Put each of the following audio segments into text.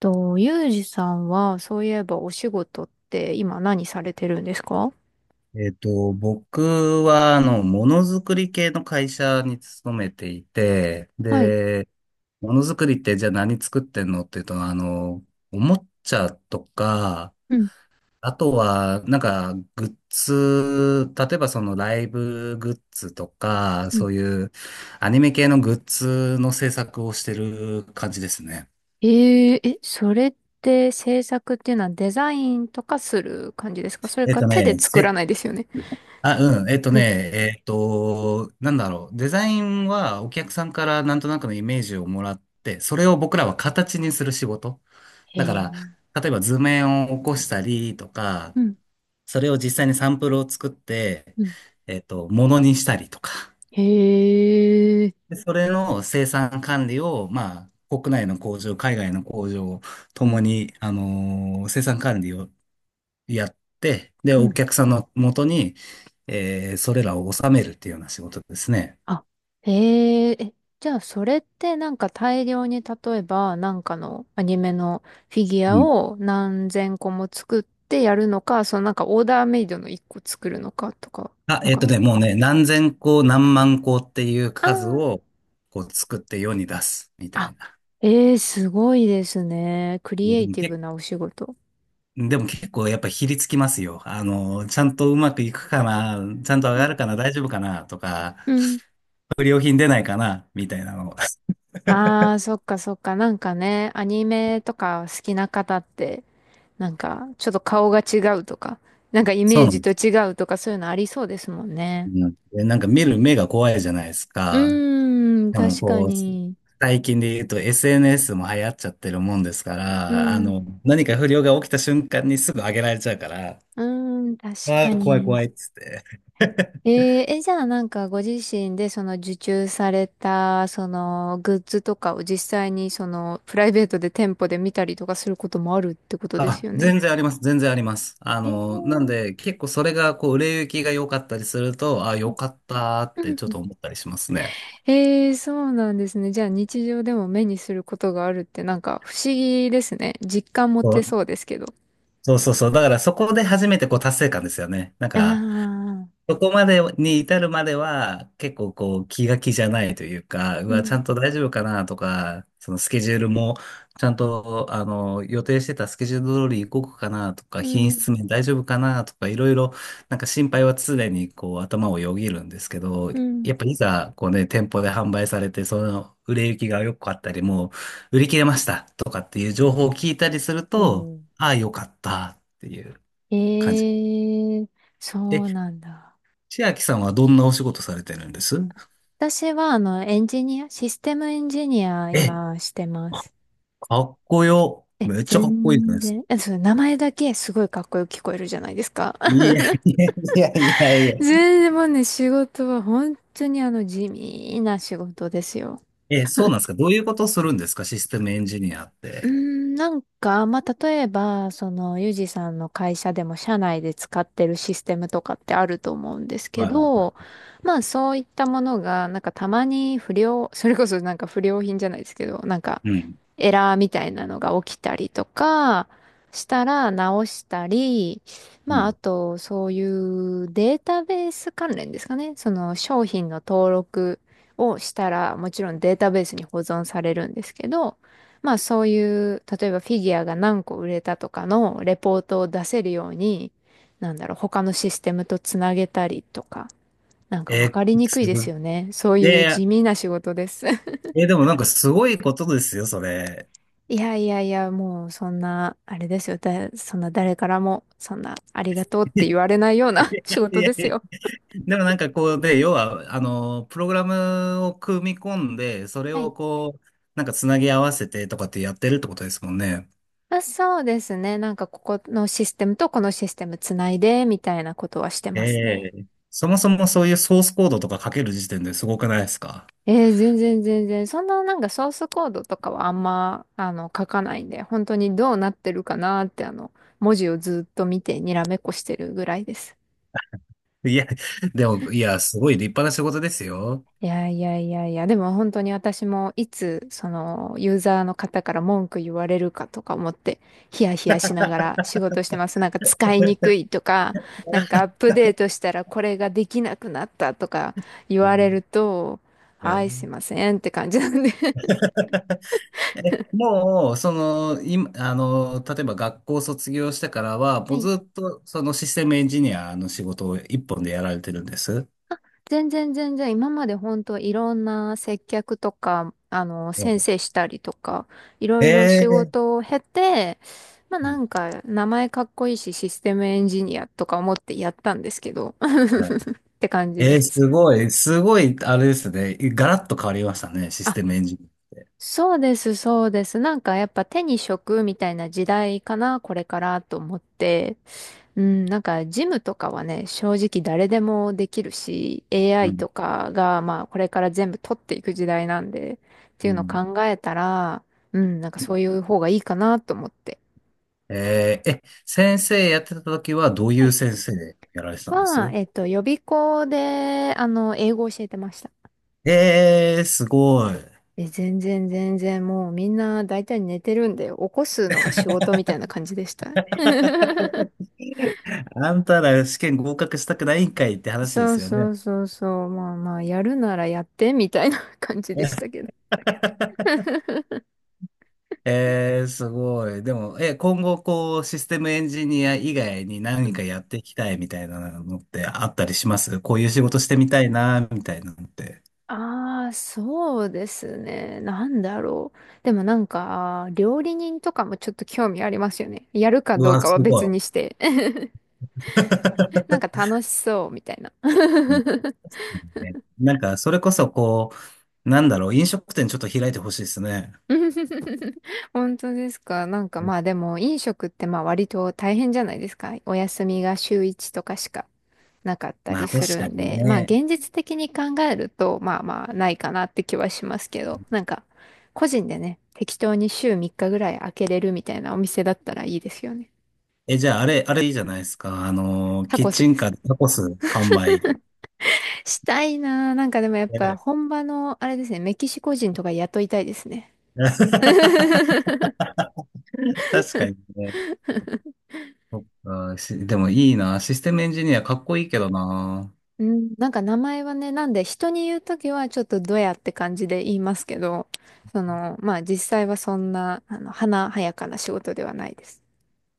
と、ユージさんは、そういえばお仕事って今何されてるんですか？僕は、ものづくり系の会社に勤めていて、はい。で、ものづくりってじゃあ何作ってんのっていうと、おもちゃとか、うん、あとは、グッズ、例えばそのライブグッズとか、うそん。ういうアニメ系のグッズの制作をしてる感じですね。えそれって制作っていうのはデザインとかする感じですか？それえっかと手でね、作ら世ないですよね？あ、うん。えっとね、えっと、なんだろう。デザインはお客さんからなんとなくのイメージをもらって、それを僕らは形にする仕事。へだから、え。例えば図面を起こしたりとか、うん、それを実際にサンプルを作って、うん。ものにしたりとか。へえ。で、それの生産管理を、まあ、国内の工場、海外の工場とうん、もに、生産管理をやって、で、うおん。客さんの元に、それらを収めるっていうような仕事ですね。あ、へえ、じゃあそれってなんか大量に例えばなんかのアニメのフィギュアうん。を何千個も作ってやるのか、そのなんかオーダーメイドの一個作るのかとか？あ、なんか、もうね、何千個、何万個っていうあー数を、こう作って世に出す、みたあ、いな。ええ、すごいですね。クいリやエでイもティブけ、なお仕事。でも結構やっぱひりつきますよ。ちゃんとうまくいくかな、ちゃんと上うがんるかな、大丈夫かな、とか、うん。不良品出ないかな、みたいなの。ああ、そっかそっか。なんかね、アニメとか好きな方って、なんかちょっと顔が違うとか、なんかイそメうーなんジでとす。違うとかそういうのありそうですもんうね。ん、でなんか見る目が怖いじゃないですうか。ーん、でも確かこう、に。最近で言うと SNS も流行っちゃってるもんですかうら、ん、何か不良が起きた瞬間にすぐ上げられちゃうから、うーん、確あかあ、怖いに。怖いっつって。え じゃあなんかご自身でその受注された、そのグッズとかを実際にそのプライベートで店舗で見たりとかすることもあるってことですあ、よね？全然あります、全然あります。えなんーで、結構それが、こう、売れ行きが良かったりすると、あ、う良んかったっうてちょっんと思ったりしますね。そうなんですね。じゃあ日常でも目にすることがあるってなんか不思議ですね。実感持そてう、そうですけど。そうそうそう。だからそこで初めてこう達成感ですよね。なんあか、あ、そこまでに至るまでは、結構こう気が気じゃないというか、ううわ、ちゃん、んと大丈夫かなとか、そのスケジュールも、ちゃんと、予定してたスケジュール通り動くかなとうか、品ん、質面大丈夫かなとか、いろいろ、なんか心配は常にこう頭をよぎるんですけど、うん。やっぱいざ、こうね、店舗で販売されて、その売れ行きが良かったり、もう売り切れましたとかっていう情報を聞いたりするそと、うんああ、良かったっていう感じ。ええそうなんだ。千秋さんはどんなお仕事されてるんです？私は、エンジニア、システムエンジニア、え、今、してます。かっこよ。え、めっちゃかっこいいじゃな全いです然、か。そう、名前だけすごいかっこよく聞こえるじゃないですか。いやいやいやいや い全然もうね、仕事は本当に地味な仕事ですよ。や。え、そうなんですか？どういうことするんですか？システムエンジニアっうて。ーん、なんか、まあ、例えば、その、ユージさんの会社でも社内で使ってるシステムとかってあると思うんですけはいはいはど、まあ、そういったものが、なんかたまに不良、それこそなんか不良品じゃないですけど、なんか、い。うん。エラーみたいなのが起きたりとかしたら直したり、うまあん。あとそういうデータベース関連ですかね。その商品の登録をしたらもちろんデータベースに保存されるんですけど、まあそういう、例えばフィギュアが何個売れたとかのレポートを出せるように、なんだろう、他のシステムとつなげたりとか、なんかわえ、かりにくいすでごすい。よね。そういうで、地味な仕事です。でもなんかすごいことですよ、それ。いやいやいや、もうそんな、あれですよ。そんな誰からも、そんな、ありがとうっいやて言われないような 仕い事やでいすや、よ。でもなんかこうで、要は、プログラムを組み込んで、それはい。をこう、なんかつなぎ合わせてとかってやってるってことですもんね。あ、そうですね。なんかここのシステムとこのシステムつないで、みたいなことはしてえますね。え。そもそもそういうソースコードとか書ける時点ですごくないですか？全然全然。そんななんかソースコードとかはあんま、書かないんで、本当にどうなってるかなって、文字をずっと見てにらめっこしてるぐらいです。いや、でも、いや、すごい立派な仕事ですよ。いやいやいやいや、でも本当に私もいつそのユーザーの方から文句言われるかとか思ってヒヤヒヤしながら仕事してます。なんか使いにくいとか、なんかア ップデートしたらこれができなくなったとか言うわれるん、と、はえい、すいまえ、せんって感じなんで。もう、その、今、例えば学校卒業してからは、はもうい、ずっと、そのシステムエンジニアの仕事を一本でやられてるんです？全然全然、今まで本当いろんな接客とか、う先ん、生したりとか、いろいろ仕ええ、事を経て、まあなうんか、名前かっこいいし、システムエンジニアとか思ってやったんですけど、ん、って感じえでえ、すす。ごい、すごい、あれですね。ガラッと変わりましたね、システムエンジニそうです、そうです。なんかやっぱ手に職みたいな時代かな、これからと思って。うん、なんかジムとかはね、正直誰でもできるし、ア。う AI ん。とかがまあこれから全部取っていく時代なんで、っうていうのをん、考えたら、うん、なんかそういう方がいいかなと思って。えーえ、先生やってた時はどういはうい。先生でやられてたんでは、す？えっと、予備校で、英語を教えてました。ええー、すごい。え、全然全然もうみんな大体寝てるんで、起こすのが仕事みたいな感じでした。あんたら試験合格したくないんかいって話でそすうよね。そうそうそう。まあまあ、やるならやってみたいな 感じでしたけど。ええー、すごい。でも、今後こう、システムエンジニア以外にう何かん。やっていきたいみたいなのってあったりします？こういう仕事してみたいな、みたいなのって。ああ、そうですね。なんだろう。でもなんか、料理人とかもちょっと興味ありますよね。やるかうどうわ、かはすご別にい。して。なんか 楽しそうみたいな。うんね、なんか、それこそこう、なんだろう、飲食店ちょっと開いてほしいですね。本当ですか？なんかまあでも飲食ってまあ割と大変じゃないですか。お休みが週1とかしかなかったまりあす確るかんにで、まあね。現実的に考えると、まあまあないかなって気はしますけど、なんか個人でね、適当に週3日ぐらい開けれるみたいなお店だったらいいですよね。え、じゃあ、あれいいじゃないですか。タキコッスチでンすカーか？でタコス販売。したいなぁ。なんかでもやっぱね。 本場の、あれですね、メキシコ人とか雇いたいですね。確かにね。そっか、でもいいな。システムエンジニアかっこいいけどな。うん、なんか名前はね、なんで人に言うときはちょっとドヤって感じで言いますけど、その、まあ実際はそんな、華やかな仕事ではないです。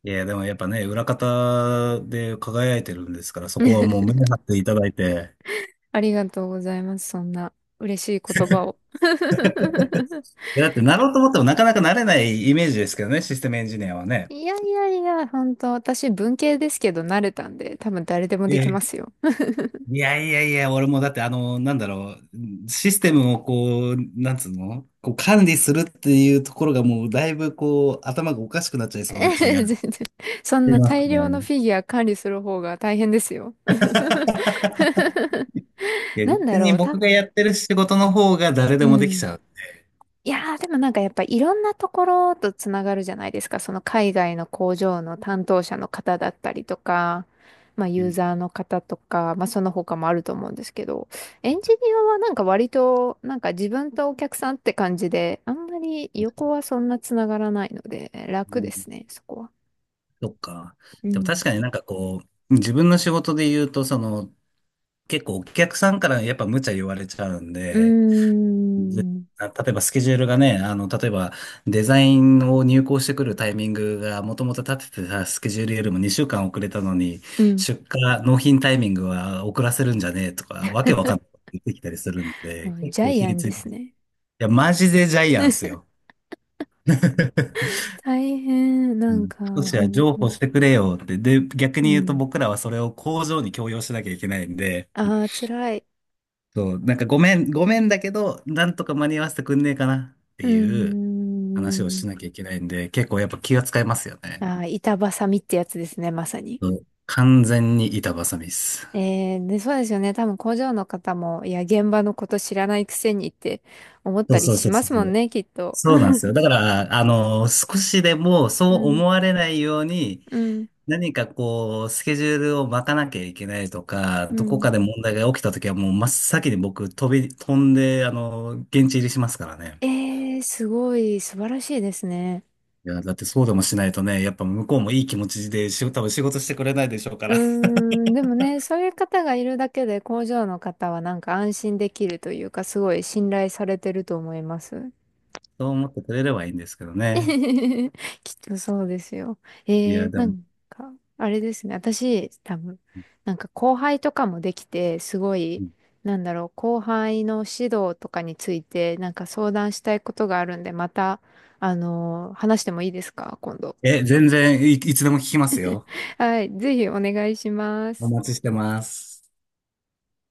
いや、でもやっぱね、裏方で輝いてるんですから、そこは もう目張っていただいて。ありがとうございます。そんな嬉しい言葉を。いや、だってなろうと思ってもなかなかなれないイメージですけどね、システムエンジニアはね。いやいやいや、本当私文系ですけど慣れたんで、多分誰でもできまえすよ。いやいやいや、俺もだってなんだろう、システムをこう、なんつうのこう管理するっていうところがもうだいぶこう、頭がおかしくなっちゃい そうな気が全し然。そんてなます大量のね。フィギュア管理する方が大変ですよ。いや、なんだ逆ろにう、僕がやってる仕事の方が誰でうもできちん。ゃう。いやー、でもなんかやっぱいろんなところとつながるじゃないですか。その海外の工場の担当者の方だったりとか、まあうユーん、ザーの方とか、まあその他もあると思うんですけど、エンジニアはなんか割となんか自分とお客さんって感じで、あんまり横はそんなつながらないので楽ですね、そこは。そっか。うでもん。確かになんかこう、自分の仕事で言うと、結構お客さんからやっぱ無茶言われちゃうんうで、ーぜん。例えばスケジュールがね、例えばデザインを入稿してくるタイミングがもともと立ててたスケジュールよりも2週間遅れたのに、うん。出荷、納品タイミングは遅らせるんじゃねえとか、わけわかんないこと言ってきたりするんもで、う結ジャ構イひアりンつでいてする。いね。や、マジでジャイアンスよ。大変、うなんん、か、少しは本譲当。歩してくれよって。で、逆うに言うとん。僕らはそれを工場に強要しなきゃいけないんで、ああ、辛い。そう、なんかごめん、ごめんだけど、なんとか間に合わせてくんねえかなってうーいう。話をしん。なきゃいけないんで、結構やっぱ気が使いますよね。あー、板挟みってやつですね、まさに。そう、完全に板挟みっす。で、そうですよね。多分工場の方も、いや、現場のこと知らないくせにって思っそたうりそうしそうまそすもんう。ね、きっと。そうなんで すよ。だから、少しでもそううん、思われないように、うん、何かこう、スケジュールを巻かなきゃいけないとか、うどこん。かで問題が起きたときはもう真っ先に僕飛んで、現地入りしますからね。すごい、素晴らしいですね。いや、だってそうでもしないとね、やっぱ向こうもいい気持ちで仕事、多分仕事してくれないでしょうかうーら。ん、でもね、そういう方がいるだけで工場の方はなんか安心できるというか、すごい信頼されてると思います。そう思ってくれればいいんですけどね。きっとそうですよ。いや、でなも。んか、あれですね。私、多分、なんか後輩とかもできて、すごい、なんだろう、後輩の指導とかについて、なんか相談したいことがあるんで、また、話してもいいですか、今度？え、全然いつでも聞きますよ。はい、ぜひお願いしまおす。待ちしてます。